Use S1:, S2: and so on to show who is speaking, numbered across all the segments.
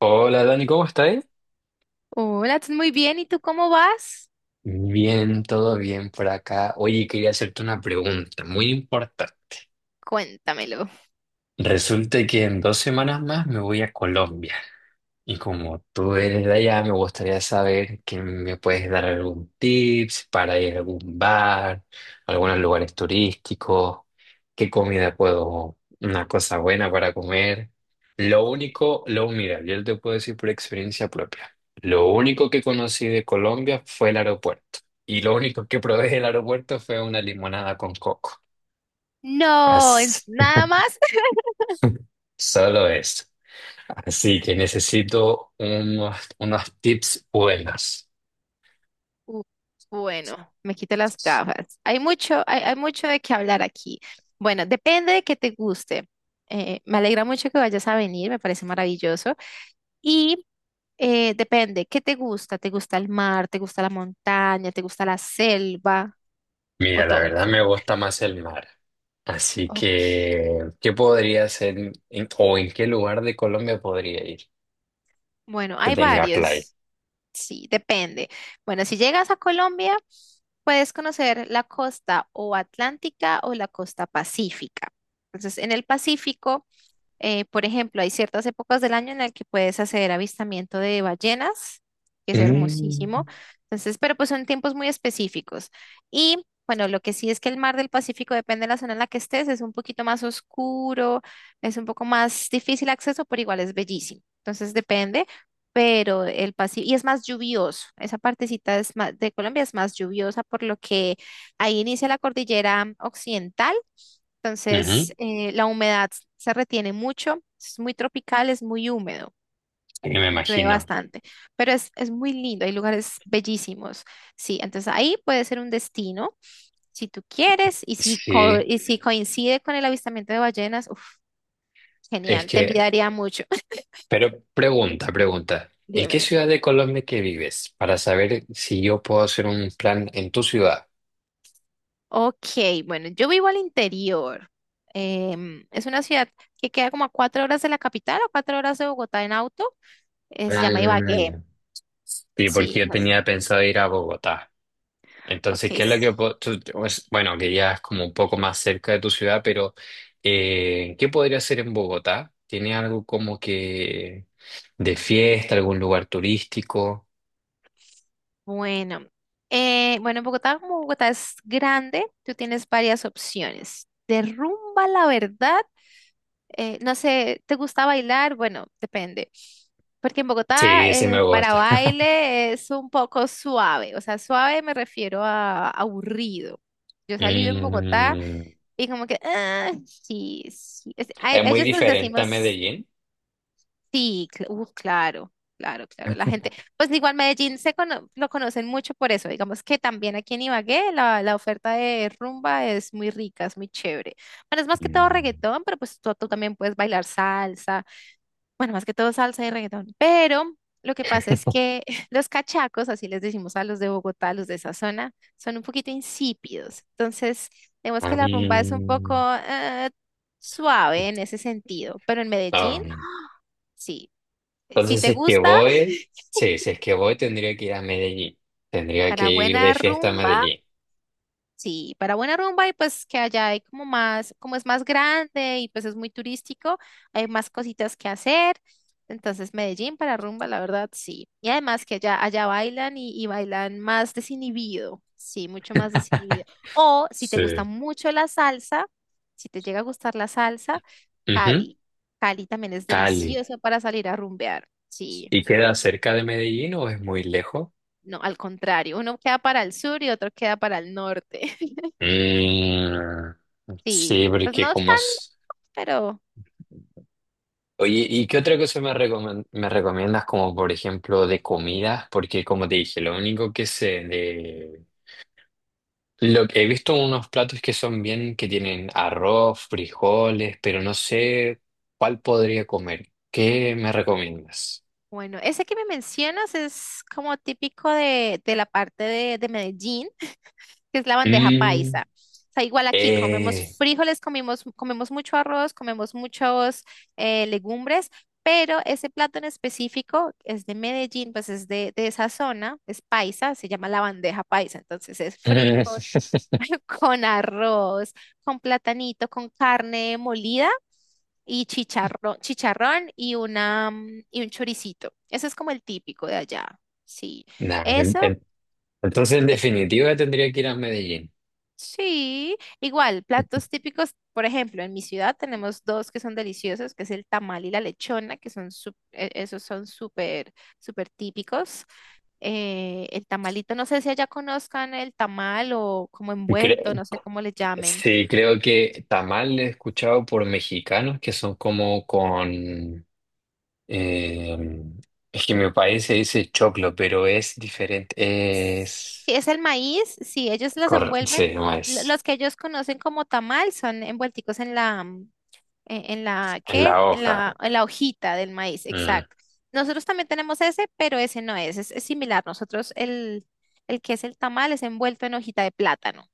S1: Hola Dani, ¿cómo estás?
S2: Hola, estás muy bien. ¿Y tú cómo vas?
S1: Bien, todo bien por acá. Oye, quería hacerte una pregunta muy importante.
S2: Cuéntamelo.
S1: Resulta que en 2 semanas más me voy a Colombia. Y como tú eres de allá, me gustaría saber que me puedes dar algún tips para ir a algún bar, algunos lugares turísticos, qué comida puedo, una cosa buena para comer. Lo único, lo mira, yo te puedo decir por experiencia propia. Lo único que conocí de Colombia fue el aeropuerto. Y lo único que probé del aeropuerto fue una limonada con coco.
S2: No,
S1: Así,
S2: es nada más.
S1: solo eso. Así que necesito unos tips buenos.
S2: Uh, bueno, me quito las gafas. Hay mucho de qué hablar aquí. Bueno, depende de qué te guste. Me alegra mucho que vayas a venir, me parece maravilloso. Y depende, ¿qué te gusta? ¿Te gusta el mar? ¿Te gusta la montaña? ¿Te gusta la selva? ¿O
S1: Mira, la
S2: todo?
S1: verdad me gusta más el mar. Así
S2: Ok.
S1: que, ¿qué podría hacer o en qué lugar de Colombia podría ir
S2: Bueno,
S1: que
S2: hay
S1: tenga playa?
S2: varios. Sí, depende. Bueno, si llegas a Colombia, puedes conocer la costa o atlántica o la costa pacífica. Entonces, en el Pacífico por ejemplo, hay ciertas épocas del año en las que puedes hacer avistamiento de ballenas, que es hermosísimo.
S1: Mm,
S2: Entonces, pero pues son tiempos muy específicos. Y bueno, lo que sí es que el mar del Pacífico, depende de la zona en la que estés, es un poquito más oscuro, es un poco más difícil acceso, pero igual es bellísimo. Entonces, depende, pero el Pacífico, y es más lluvioso. Esa partecita es más, de Colombia es más lluviosa, por lo que ahí inicia la cordillera occidental. Entonces,
S1: ujú,
S2: la humedad se retiene mucho, es muy tropical, es muy húmedo,
S1: sí, me
S2: llueve
S1: imagino.
S2: bastante, pero es muy lindo, hay lugares bellísimos. Sí, entonces ahí puede ser un destino si tú quieres y si, co-
S1: Sí,
S2: y si coincide con el avistamiento de ballenas, uf,
S1: es
S2: genial, te
S1: que,
S2: envidiaría mucho.
S1: pero pregunta. ¿En qué
S2: Dime.
S1: ciudad de Colombia que vives? Para saber si yo puedo hacer un plan en tu ciudad.
S2: Ok, bueno, yo vivo al interior. Es una ciudad que queda como a 4 horas de la capital o 4 horas de Bogotá en auto. Se
S1: Ah,
S2: llama Ibagué.
S1: ya. Sí, porque
S2: Sí,
S1: yo
S2: no.
S1: tenía pensado ir a Bogotá.
S2: Ok,
S1: Entonces, ¿qué es lo que... pues, bueno, que ya es como un poco más cerca de tu ciudad, pero ¿qué podría hacer en Bogotá? ¿Tiene algo como que de fiesta, algún lugar turístico?
S2: bueno, bueno, Bogotá, como Bogotá es grande, tú tienes varias opciones. De rumba, la verdad, no sé, ¿te gusta bailar? Bueno, depende. Porque en Bogotá,
S1: Sí, sí me
S2: para
S1: gusta.
S2: baile es un poco suave. O sea, suave me refiero a aburrido. Yo salí en Bogotá
S1: Mm,
S2: y como que, ah, sí, sí.
S1: es muy
S2: Ellos les
S1: diferente a
S2: decimos
S1: Medellín.
S2: sí, claro, claro, claro. La gente, pues igual Medellín lo conocen mucho por eso. Digamos que también aquí en Ibagué la oferta de rumba es muy rica, es muy chévere. Bueno, es más que todo
S1: Mm.
S2: reggaetón, pero pues tú también puedes bailar salsa. Bueno, más que todo salsa y reggaetón. Pero lo que pasa es que los cachacos, así les decimos a los de Bogotá, a los de esa zona, son un poquito insípidos. Entonces, digamos que
S1: Ah,
S2: la rumba es un poco
S1: mm.
S2: eh, suave en ese sentido. Pero en
S1: Ah,
S2: Medellín, sí, si
S1: Entonces, si
S2: te
S1: es que
S2: gusta,
S1: voy, sí, si es que voy, tendría que ir a Medellín. Tendría que
S2: para
S1: ir de
S2: buena
S1: fiesta a
S2: rumba,
S1: Medellín.
S2: sí, para buena rumba y pues que allá hay como más, como es más grande y pues es muy turístico, hay más cositas que hacer. Entonces, Medellín para rumba, la verdad, sí. Y además que allá, allá bailan y bailan más desinhibido, sí, mucho más desinhibido. O si te gusta
S1: Sí.
S2: mucho la salsa, si te llega a gustar la salsa,
S1: Ujú.
S2: Cali. Cali también es
S1: Cali.
S2: delicioso para salir a rumbear, sí.
S1: ¿Y queda cerca de Medellín o es muy lejos?
S2: No, al contrario, uno queda para el sur y otro queda para el norte.
S1: Mm,
S2: Sí,
S1: sí,
S2: pues
S1: porque
S2: no están, pero
S1: oye, ¿y qué otra cosa me recomiendas como por ejemplo de comidas? Porque como te dije, lo único que sé de... Lo que he visto unos platos que son bien, que tienen arroz, frijoles, pero no sé cuál podría comer. ¿Qué me recomiendas?
S2: bueno, ese que me mencionas es como típico de la parte de Medellín, que es la bandeja
S1: Mm,
S2: paisa. O sea, igual aquí comemos
S1: eh.
S2: frijoles, comimos, comemos mucho arroz, comemos muchos legumbres, pero ese plato en específico es de Medellín, pues es de esa zona, es paisa, se llama la bandeja paisa. Entonces es frijol con arroz, con platanito, con carne molida y chicharrón, chicharrón y una y un choricito. Ese es como el típico de allá. Sí.
S1: Nah,
S2: Eso,
S1: entonces en
S2: eh,
S1: definitiva tendría que ir a Medellín.
S2: sí. Igual, platos típicos, por ejemplo, en mi ciudad tenemos dos que son deliciosos, que es el tamal y la lechona, que son esos son súper súper típicos. El tamalito, no sé si allá conozcan el tamal o como envuelto,
S1: Cre-
S2: no sé cómo le llamen.
S1: sí, creo que tamal he escuchado por mexicanos que son como con... eh, es que en mi país se dice choclo, pero es diferente.
S2: Si
S1: Es...
S2: es el maíz, si ellos los envuelven,
S1: sí, no es.
S2: los que ellos conocen como tamal son envuelticos en la,
S1: Es
S2: ¿qué?
S1: la
S2: En
S1: hoja.
S2: la, en la hojita del maíz,
S1: Mm.
S2: exacto. Nosotros también tenemos ese, pero ese no es similar. Nosotros el que es el tamal es envuelto en hojita de plátano.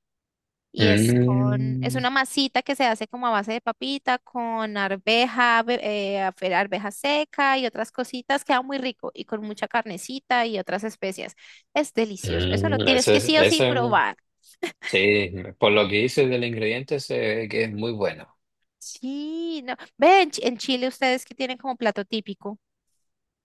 S2: Y es con, es
S1: Mm,
S2: una masita que se hace como a base de papita, con arveja, arveja seca y otras cositas. Queda muy rico y con mucha carnecita y otras especias. Es delicioso. Eso lo tienes
S1: eso
S2: que
S1: es...
S2: sí o sí probar.
S1: Sí, por lo que dices del ingrediente, sé que es muy bueno.
S2: Sí, no. Ven, en Chile ustedes que tienen como plato típico.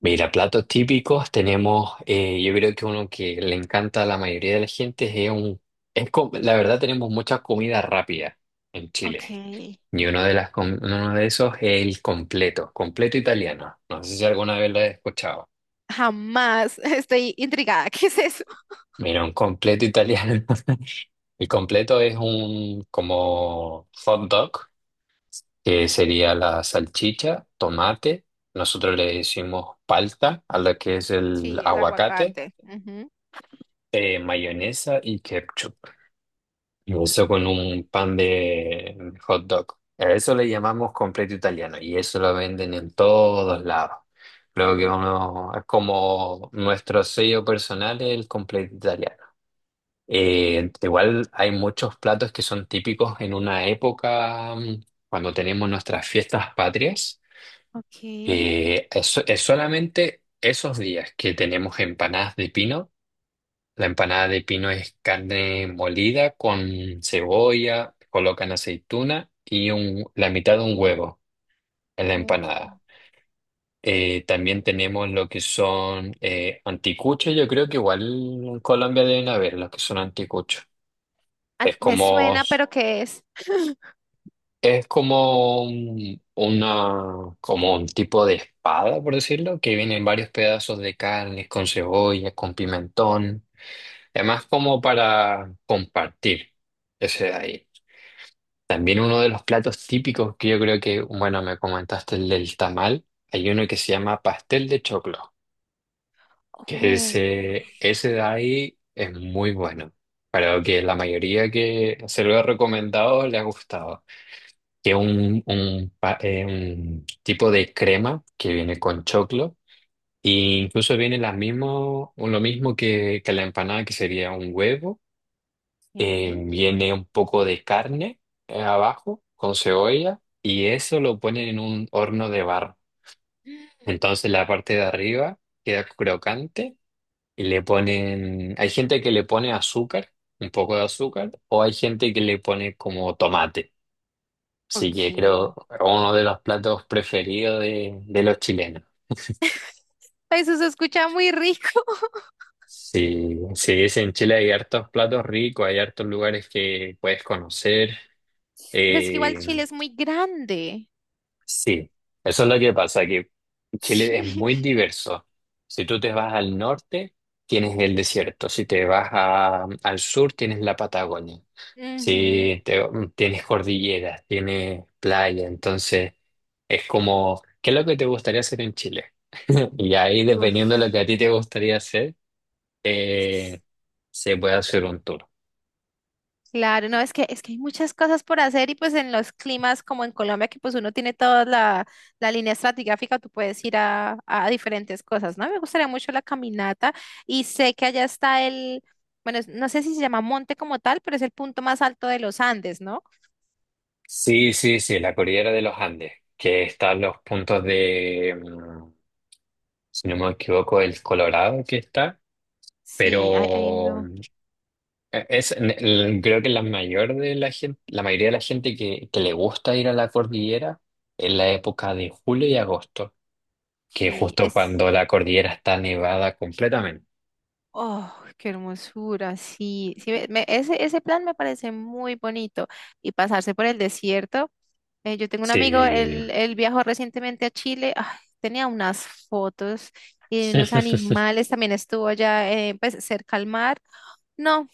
S1: Mira, platos típicos tenemos, yo creo que uno que le encanta a la mayoría de la gente es un, la verdad tenemos mucha comida rápida en Chile
S2: Ok.
S1: y uno de esos es el completo, completo italiano. No sé si alguna vez lo has escuchado.
S2: Jamás. Estoy intrigada. ¿Qué es eso?
S1: Mira, un completo italiano. El completo es un como hot dog, que sería la salchicha, tomate. Nosotros le decimos palta a lo que es el
S2: Sí, el
S1: aguacate.
S2: aguacate. Ujú.
S1: Mayonesa y ketchup. Y eso con un pan de hot dog. A eso le llamamos completo italiano y eso lo venden en todos lados. Creo que
S2: Oh,
S1: uno es como nuestro sello personal es el completo italiano. Igual hay muchos platos que son típicos en una época, cuando tenemos nuestras fiestas patrias.
S2: ok.
S1: Es solamente esos días que tenemos empanadas de pino. La empanada de pino es carne molida con cebolla, colocan aceituna y la mitad de un huevo en la
S2: Oh.
S1: empanada. También tenemos lo que son anticuchos, yo creo que igual en Colombia deben haber los que son anticuchos.
S2: Ah,
S1: Es
S2: me
S1: como,
S2: suena, pero ¿qué es?
S1: es como como un tipo de espada, por decirlo, que vienen varios pedazos de carne con cebolla, con pimentón, además como para compartir ese de ahí. También uno de los platos típicos que yo creo que, bueno, me comentaste el del tamal, hay uno que se llama pastel de choclo, que
S2: Oh,
S1: ese de ahí es muy bueno. Creo que la mayoría que se lo he recomendado le ha gustado. Que es un tipo de crema que viene con choclo, e incluso viene la mismo, lo mismo que la empanada, que sería un huevo
S2: ok.
S1: viene un poco de carne abajo con cebolla y eso lo ponen en un horno de barro. Entonces la parte de arriba queda crocante y le ponen, hay gente que le pone azúcar, un poco de azúcar, o hay gente que le pone como tomate. Así que
S2: Ok.
S1: creo uno de los platos preferidos de los chilenos.
S2: Eso se escucha muy rico.
S1: Sí, sí, es en Chile hay hartos platos ricos, hay hartos lugares que puedes conocer.
S2: Sí, pues que igual
S1: Eh,
S2: Chile es muy grande.
S1: Sí, eso es lo que pasa, que Chile es
S2: Sí.
S1: muy diverso. Si tú te vas al norte, tienes el desierto. Si te vas al sur, tienes la Patagonia. Si
S2: Ujú.
S1: te- Tienes cordilleras, tienes playa. Entonces, es como, ¿qué es lo que te gustaría hacer en Chile? Y ahí, dependiendo de
S2: Uf.
S1: lo que a ti te gustaría hacer, eh, se puede hacer un tour.
S2: Claro, no, es que hay muchas cosas por hacer y pues en los climas como en Colombia que pues uno tiene toda la línea estratigráfica, tú puedes ir a diferentes cosas, ¿no? Me gustaría mucho la caminata y sé que allá está el, bueno, no sé si se llama monte como tal, pero es el punto más alto de los Andes, ¿no?
S1: Sí, sí, sí, la cordillera de los Andes, que están los puntos de, si no me equivoco, el Colorado que está,
S2: Sí, ahí ahí
S1: pero
S2: no.
S1: creo que la mayoría de la gente que le gusta ir a la cordillera es la época de julio y agosto, que es
S2: Ok.
S1: justo
S2: Es,
S1: cuando la cordillera está nevada completamente.
S2: oh, qué hermosura, sí. Sí, ese plan me parece muy bonito. Y pasarse por el desierto. Yo tengo un amigo,
S1: Sí.
S2: él viajó recientemente a Chile. Ay, tenía unas fotos y unos animales. También estuvo allá pues, cerca al mar. No,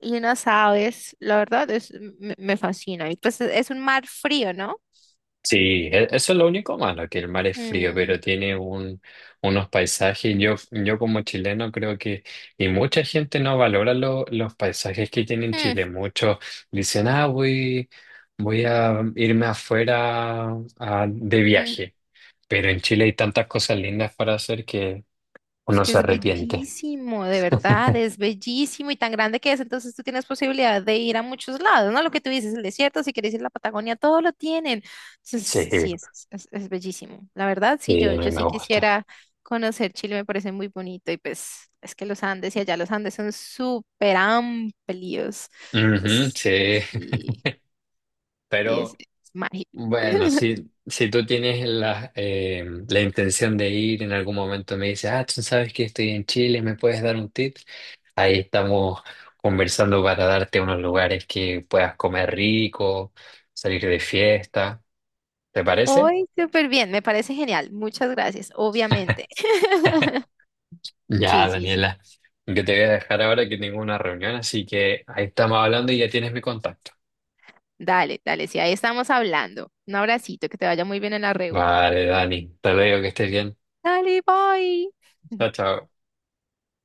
S2: y unas aves. La verdad, es, me fascina. Y pues es un mar frío, ¿no?
S1: Sí, eso es lo único malo, que el mar es frío,
S2: Mm,
S1: pero tiene un, unos paisajes. Yo como chileno creo que, y mucha gente no valora los paisajes que tiene
S2: mm,
S1: Chile. Muchos dicen, ah, voy a irme afuera de
S2: mm.
S1: viaje. Pero en Chile hay tantas cosas lindas para hacer que
S2: Es
S1: uno
S2: que
S1: se
S2: es
S1: arrepiente.
S2: bellísimo, de verdad, es bellísimo y tan grande que es. Entonces tú tienes posibilidad de ir a muchos lados, ¿no? Lo que tú dices, el desierto, si quieres ir a la Patagonia, todo lo tienen. Entonces,
S1: Sí,
S2: sí, es bellísimo. La verdad, sí, yo,
S1: sí,
S2: yo
S1: me
S2: sí
S1: gusta.
S2: quisiera conocer Chile, me parece muy bonito. Y pues es que los Andes y allá los Andes son súper amplios.
S1: Ujú,
S2: Es-
S1: sí,
S2: y, y es
S1: pero...
S2: es mágico.
S1: Bueno, si tú tienes la, la intención de ir en algún momento, me dices, ah, tú sabes que estoy en Chile, ¿me puedes dar un tip? Ahí estamos conversando para darte unos lugares que puedas comer rico, salir de fiesta. ¿Te parece?
S2: Hoy, súper bien, me parece genial. Muchas gracias, obviamente.
S1: Ya,
S2: Sí, sí, sí.
S1: Daniela, yo te voy a dejar ahora que tengo una reunión, así que ahí estamos hablando y ya tienes mi contacto.
S2: Dale, dale, si ahí estamos hablando. Un abracito, que te vaya muy bien en la reu.
S1: Vale, Dani, te digo que estés bien.
S2: Dale, bye.
S1: Chao, chao.